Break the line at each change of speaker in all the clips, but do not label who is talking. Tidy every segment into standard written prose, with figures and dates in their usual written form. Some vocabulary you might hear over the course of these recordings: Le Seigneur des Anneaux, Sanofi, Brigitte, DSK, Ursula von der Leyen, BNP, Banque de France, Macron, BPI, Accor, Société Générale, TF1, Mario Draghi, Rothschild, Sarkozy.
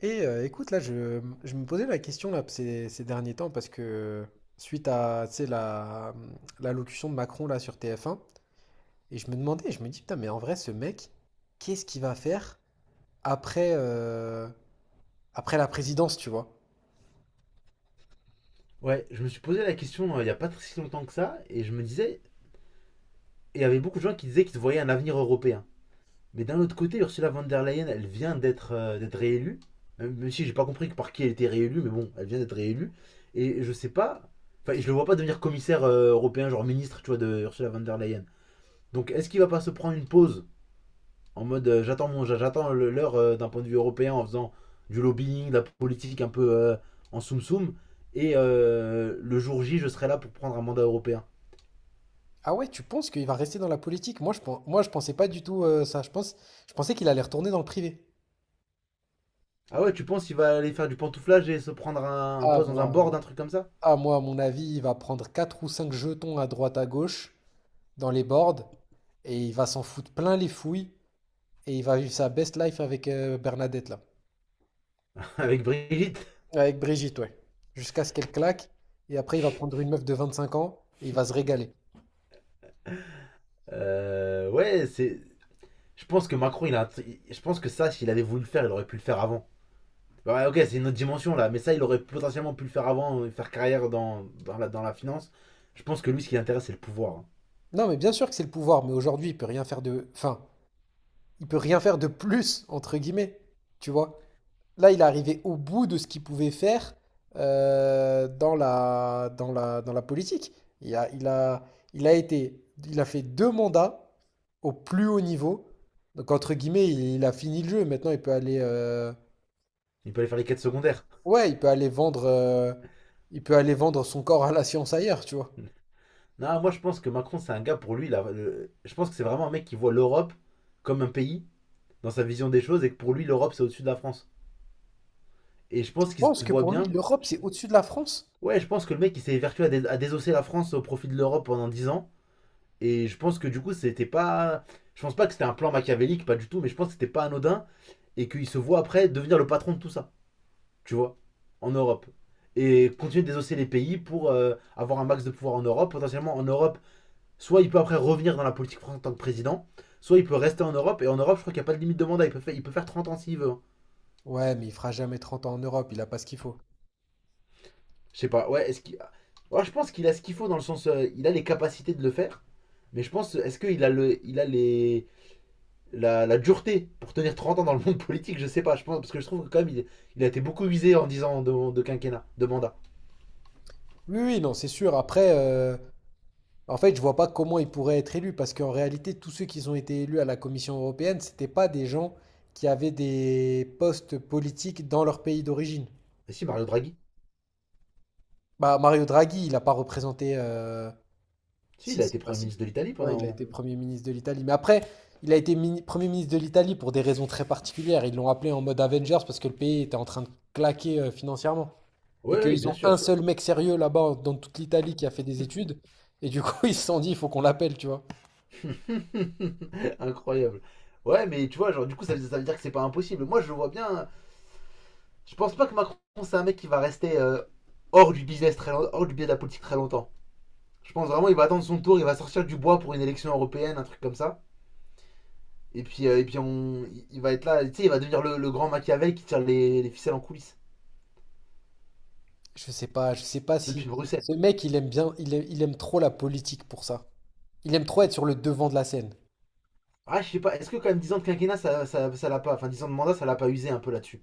Et écoute, là, je me posais la question là, ces derniers temps parce que suite à, tu sais, l'allocution de Macron là sur TF1, et je me demandais, je me dis, putain, mais en vrai, ce mec, qu'est-ce qu'il va faire après, euh, après la présidence, tu vois?
Ouais, je me suis posé la question il n'y a pas très si longtemps que ça, et je me disais, et il y avait beaucoup de gens qui disaient qu'ils voyaient un avenir européen. Mais d'un autre côté, Ursula von der Leyen, elle vient d'être réélue, même si j'ai pas compris que par qui elle était réélue, mais bon, elle vient d'être réélue, et je sais pas, enfin, je le vois pas devenir commissaire européen, genre ministre, tu vois, de Ursula von der Leyen. Donc, est-ce qu'il va pas se prendre une pause en mode j'attends l'heure d'un point de vue européen en faisant du lobbying, de la politique un peu en soum soum, et le jour J, je serai là pour prendre un mandat européen.
Ah ouais, tu penses qu'il va rester dans la politique? Moi, je pensais pas du tout ça. Je pense, je pensais qu'il allait retourner dans le privé.
Ah ouais, tu penses qu'il va aller faire du pantouflage et se prendre un
Ah,
poste dans un
moi,
board, un truc comme ça.
ah, moi, à mon avis, il va prendre 4 ou 5 jetons à droite à gauche dans les boards et il va s'en foutre plein les fouilles. Et il va vivre sa best life avec Bernadette, là.
Avec Brigitte.
Avec Brigitte, ouais. Jusqu'à ce qu'elle claque. Et après, il va prendre une meuf de 25 ans et il va se régaler.
Ouais, c'est. Je pense que Macron, il a. Je pense que ça, s'il avait voulu le faire, il aurait pu le faire avant. Ouais, ok, c'est une autre dimension là, mais ça, il aurait potentiellement pu le faire avant, faire carrière dans la finance. Je pense que lui, ce qui l'intéresse, c'est le pouvoir, hein.
Non, mais bien sûr que c'est le pouvoir, mais aujourd'hui, il peut rien faire de. Enfin, il peut rien faire de plus, entre guillemets. Tu vois? Là, il est arrivé au bout de ce qu'il pouvait faire dans la politique. Il a, il a, il a été, il a fait deux mandats au plus haut niveau. Donc, entre guillemets, il a fini le jeu. Maintenant, il peut aller
Il peut aller faire les quêtes secondaires.
ouais, il peut aller vendre son corps à la science ailleurs, tu vois.
Non, moi, je pense que Macron, c'est un gars pour lui. Là, je pense que c'est vraiment un mec qui voit l'Europe comme un pays dans sa vision des choses et que pour lui, l'Europe, c'est au-dessus de la France. Et je
Je
pense qu'il
pense
se
que
voit
pour lui,
bien.
l'Europe,
Je-
c'est au-dessus de la France.
Ouais, je pense que le mec il s'est vertu à désosser la France au profit de l'Europe pendant 10 ans. Et je pense que du coup, c'était pas. Je pense pas que c'était un plan machiavélique, pas du tout, mais je pense que c'était pas anodin et qu'il se voit après devenir le patron de tout ça, tu vois, en Europe. Et continuer de désosser les pays pour avoir un max de pouvoir en Europe. Potentiellement en Europe, soit il peut après revenir dans la politique française en tant que président, soit il peut rester en Europe. Et en Europe, je crois qu'il n'y a pas de limite de mandat, il peut faire 30 ans s'il veut, hein.
Ouais, mais il fera jamais 30 ans en Europe, il a pas ce qu'il faut.
Je sais pas, ouais, est-ce qu'il. Ouais, je pense qu'il a ce qu'il faut dans le sens, il a les capacités de le faire. Mais je pense, est-ce qu'il a, le, il a les, la dureté pour tenir 30 ans dans le monde politique. Je sais pas, je pense, parce que je trouve que quand même, il a été beaucoup visé en 10 ans de quinquennat, de mandat.
Oui, oui, non, c'est sûr. Après, en fait, je vois pas comment ils pourraient être élus, parce qu'en réalité, tous ceux qui ont été élus à la Commission européenne, c'était pas des gens qui avaient des postes politiques dans leur pays d'origine.
Mais si, Mario Draghi.
Bah, Mario Draghi, il n'a pas représenté.
Si,
Si,
il a été
si, bah
Premier
si.
ministre de l'Italie pendant
Ouais,
un
il a
moment.
été Premier ministre de l'Italie. Mais après, il a été Premier ministre de l'Italie pour des raisons très particulières. Ils l'ont appelé en mode Avengers parce que le pays était en train de claquer financièrement. Et
Ouais, ouais,
qu'ils
bien
ont un
sûr.
seul mec sérieux là-bas dans toute l'Italie qui a fait des études. Et du coup, ils se sont dit, il faut qu'on l'appelle, tu vois.
Incroyable. Ouais, mais tu vois, genre, du coup, ça veut dire que c'est pas impossible. Moi, je vois bien. Je pense pas que Macron, c'est un mec qui va rester hors du business très hors du biais de la politique très longtemps. Je pense vraiment il va attendre son tour, il va sortir du bois pour une élection européenne, un truc comme ça. Et puis, on, il va être là, tu sais, il va devenir le grand Machiavel qui tire les ficelles en coulisses
Je sais pas si
depuis Bruxelles.
ce mec il aime bien, il aime trop la politique pour ça. Il aime trop être sur le devant de la scène.
Ah, je sais pas, est-ce que quand même 10 ans de quinquennat, ça l'a pas, enfin 10 ans de mandat, ça l'a pas usé un peu là-dessus.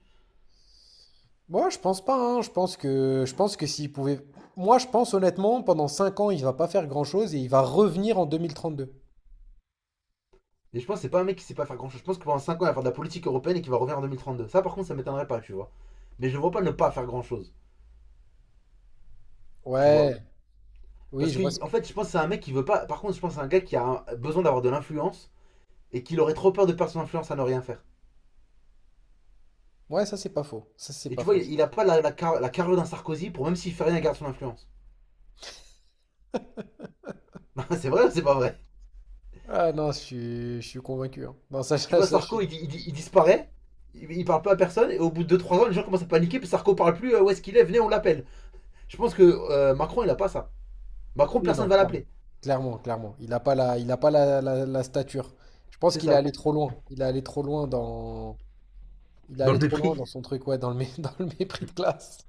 Moi, je pense pas, hein. Je pense que s'il pouvait, moi, je pense honnêtement, pendant 5 ans, il va pas faire grand-chose et il va revenir en 2032.
Et je pense que c'est pas un mec qui sait pas faire grand-chose. Je pense que pendant 5 ans, il va faire de la politique européenne et qu'il va revenir en 2032. Ça, par contre, ça m'étonnerait pas, tu vois. Mais je le vois pas ne pas faire grand-chose, tu vois.
Ouais, oui,
Parce
je
que,
vois. Ce
en fait, je pense que c'est un mec qui veut pas. Par contre, je pense que c'est un gars qui a besoin d'avoir de l'influence et qu'il aurait trop peur de perdre son influence à ne rien faire.
Ça c'est
Et
pas
tu vois,
faux.
il a pas la carrure d'un Sarkozy pour même s'il fait rien, il garde son influence. C'est vrai ou c'est pas vrai?
Ah non, je suis convaincu. Hein. Non, ça,
Tu
ça,
vois,
ça, je suis.
Sarko, il disparaît, il parle pas à personne, et au bout de deux trois ans, les gens commencent à paniquer, puis Sarko parle plus, où est-ce qu'il est, venez, on l'appelle. Je pense que Macron, il a pas ça. Macron,
Oui, non,
personne va
clairement,
l'appeler.
Il a pas la, la stature. Je pense
C'est
qu'il est
ça.
allé trop loin. Il est
Dans
allé
le
trop loin
mépris.
dans son truc, ouais, dans le, dans le mépris de classe.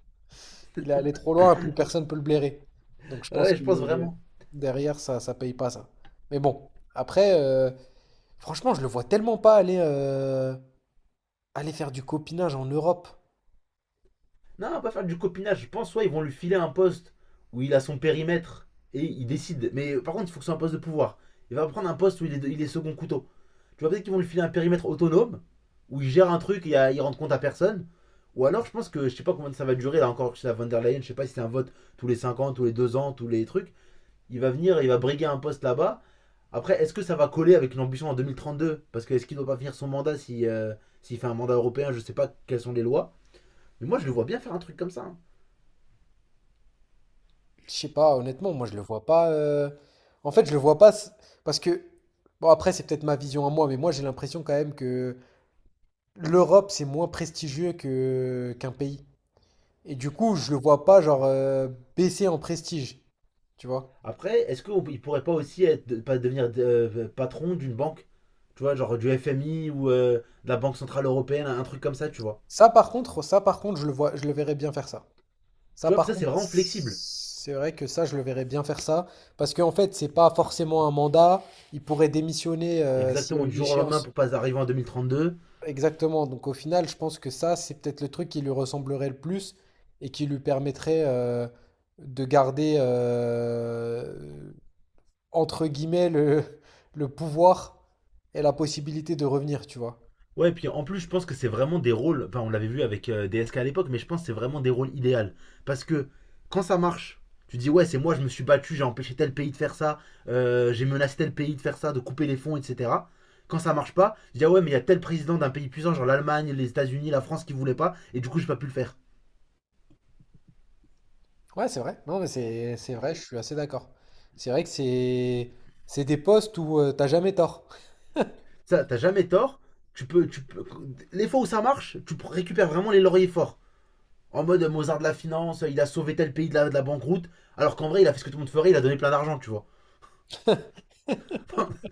Il est allé trop loin, plus personne peut le blairer. Donc je pense
Ouais,
que
je pense vraiment.
derrière, ça paye pas ça. Mais bon, après, franchement, je le vois tellement pas aller. Aller faire du copinage en Europe!
Non, on va pas faire du copinage. Je pense, soit ils vont lui filer un poste où il a son périmètre et il décide. Mais par contre, il faut que ce soit un poste de pouvoir. Il va prendre un poste où il est second couteau. Tu vois, peut-être qu'ils vont lui filer un périmètre autonome, où il gère un truc et il rend compte à personne. Ou alors, je pense que je sais pas combien ça va durer, là encore, chez la Van der Leyen, je sais pas si c'est un vote tous les 5 ans, tous les 2 ans, tous les trucs. Il va venir, il va briguer un poste là-bas. Après, est-ce que ça va coller avec l'ambition en 2032? Parce que est-ce qu'il ne doit pas finir son mandat si, s'il fait un mandat européen? Je sais pas quelles sont les lois. Mais moi, je le vois bien faire un truc comme ça, hein.
Je sais pas, honnêtement, moi je le vois pas. En fait, je le vois pas parce que bon après c'est peut-être ma vision à moi, mais moi j'ai l'impression quand même que l'Europe c'est moins prestigieux que qu'un pays. Et du coup, je le vois pas genre baisser en prestige, tu vois.
Après, est-ce qu'il pourrait pas aussi être, pas devenir patron d'une banque? Tu vois, genre du FMI ou de la Banque Centrale Européenne, un truc comme ça, tu vois?
Ça par contre, je le vois, je le verrais bien faire ça. Ça
Tu vois,
par
ça c'est
contre,
vraiment flexible.
c'est vrai que ça, je le verrais bien faire ça parce qu'en fait, c'est pas forcément un mandat, il pourrait démissionner s'il y
Exactement,
a
du
une
jour au lendemain
échéance.
pour pas arriver en 2032.
Exactement. Donc au final, je pense que ça, c'est peut-être le truc qui lui ressemblerait le plus et qui lui permettrait de garder entre guillemets, le pouvoir et la possibilité de revenir, tu vois.
Ouais, et puis en plus, je pense que c'est vraiment des rôles. Enfin, on l'avait vu avec DSK à l'époque, mais je pense que c'est vraiment des rôles idéaux. Parce que quand ça marche, tu dis, ouais, c'est moi, je me suis battu, j'ai empêché tel pays de faire ça, j'ai menacé tel pays de faire ça, de couper les fonds, etc. Quand ça marche pas, tu dis, ah ouais, mais il y a tel président d'un pays puissant, genre l'Allemagne, les États-Unis, la France qui voulait pas, et du coup, j'ai pas pu le faire.
Ouais, c'est vrai. Non, mais c'est vrai, je suis assez d'accord. C'est vrai que c'est des postes où t'as jamais tort.
Ça, t'as jamais tort. Tu peux- Les fois où ça marche, tu récupères vraiment les lauriers forts. En mode Mozart de la finance, il a sauvé tel pays de la banqueroute, alors qu'en vrai, il a fait ce que tout le monde ferait, il a donné plein d'argent, tu vois.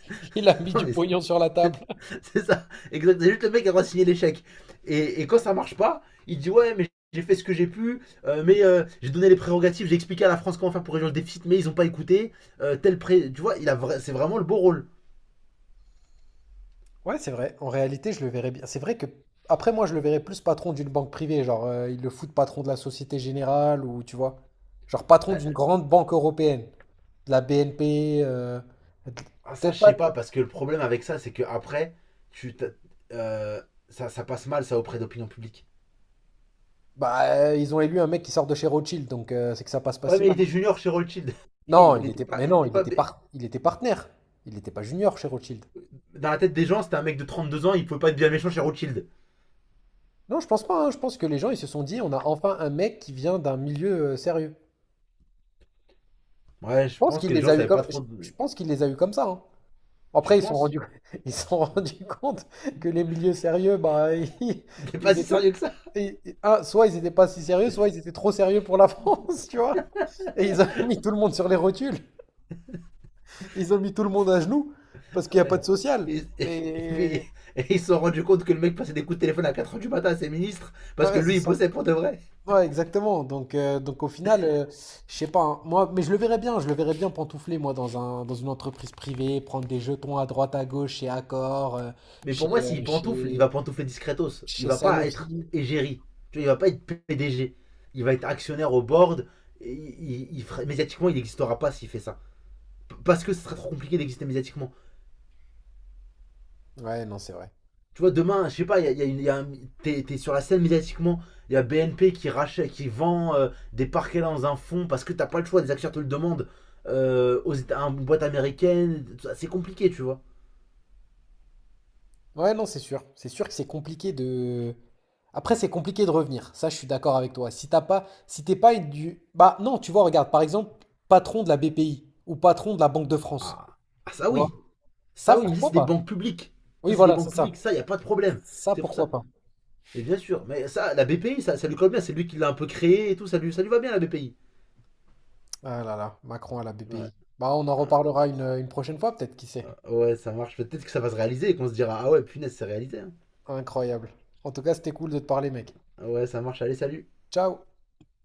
Il a mis
Non,
du
mais c'est-
pognon sur la table.
ça, exact. C'est juste le mec qui a le droit de signer l'échec. Et quand ça marche pas, il dit ouais, mais j'ai fait ce que j'ai pu, mais j'ai donné les prérogatives, j'ai expliqué à la France comment faire pour réduire le déficit, mais ils ont pas écouté. Tel pré... Tu vois, c'est vraiment le beau rôle.
Ouais, c'est vrai. En réalité, je le verrais bien. C'est vrai que, après, moi, je le verrais plus patron d'une banque privée. Genre, ils le foutent patron de la Société Générale ou, tu vois, genre patron
Euh,
d'une grande banque européenne. De la BNP. De-
Ah, ça,
Peut-être
je
pas.
sais pas, parce que le problème avec ça, c'est que après, tu euh, ça passe mal, ça, auprès d'opinion publique.
Bah, ils ont élu un mec qui sort de chez Rothschild, donc c'est que ça passe pas
Ouais,
si
mais il
mal. Hein.
était junior chez Rothschild.
Non,
il
il
était
était.
pas,
Mais
il
non,
était
il
pas,
était par... il était partenaire. Il n'était pas junior chez Rothschild.
dans la tête des gens, c'était un mec de 32 ans, il pouvait pas être bien méchant chez Rothschild.
Non, je pense pas. Hein. Je pense que les gens, ils se sont dit, on a enfin un mec qui vient d'un milieu sérieux.
Ouais, je
Je pense
pense
qu'il
que les
les
gens
a eu
savaient pas
comme. Je
trop.
je pense qu'il les a eu comme ça. Hein.
Tu
Après, ils se sont
penses?
rendus, ils se sont rendus compte que les milieux sérieux, bah,
C'était pas
ils
si
étaient,
sérieux que ça.
ah, soit ils n'étaient pas si sérieux, soit ils étaient trop sérieux pour la France, tu vois. Et ils ont mis tout le monde sur les rotules. Ils ont mis tout le monde à genoux parce qu'il n'y a pas
Ouais.
de social.
Et, et- et
Mais
puis, et ils se sont rendus compte que le mec passait des coups de téléphone à 4 heures du matin à ses ministres parce que
ouais, c'est
lui, il
ça.
bossait pour de vrai.
Ouais, exactement. Donc au final, je sais pas. Hein. Moi, mais je le verrais bien. Je le verrais bien pantoufler moi dans une entreprise privée, prendre des jetons à droite à gauche chez Accor, euh,
Mais
chez,
pour moi, s'il
euh,
pantoufle, il
chez,
va pantoufler discretos. Il
chez
va pas être
Sanofi.
égérie. Tu vois, il va pas être PDG. Il va être actionnaire au board. Et il médiatiquement, il n'existera pas s'il fait ça. Parce que ce serait trop compliqué d'exister médiatiquement.
Ouais, non, c'est vrai.
Tu vois, demain, je sais pas, il y a t'es sur la scène médiatiquement, il y a BNP qui rachète, qui vend des parquets dans un fonds parce que t'as pas le choix, des acteurs te le demandent à une boîte américaine, c'est compliqué, tu vois.
Ouais, non, c'est sûr. C'est sûr que c'est compliqué de. Après, c'est compliqué de revenir. Ça, je suis d'accord avec toi. Si t'as pas, si t'es pas une du. Bah non, tu vois, regarde, par exemple, patron de la BPI ou patron de la Banque de France.
Ah, ah,
Tu vois? Ça,
ça oui, mais ça
pourquoi
c'est des
pas?
banques publiques. Ça
Oui,
c'est des
voilà, c'est
banques
ça.
publiques, ça, il n'y a pas de problème.
Ça,
C'est pour
pourquoi
ça.
pas?
Mais bien sûr, mais ça, la BPI, ça lui colle bien, c'est lui qui l'a un peu créé et tout, ça lui va bien la BPI.
Ah là là, Macron à la
Ouais,
BPI. Bah, on en
Ah,
reparlera une prochaine fois, peut-être, qui sait.
ouais ça marche, peut-être que ça va se réaliser et qu'on se dira, ah ouais, punaise, c'est réalisé, hein.
Incroyable. En tout cas, c'était cool de te parler, mec.
Ouais, ça marche, allez, salut.
Ciao!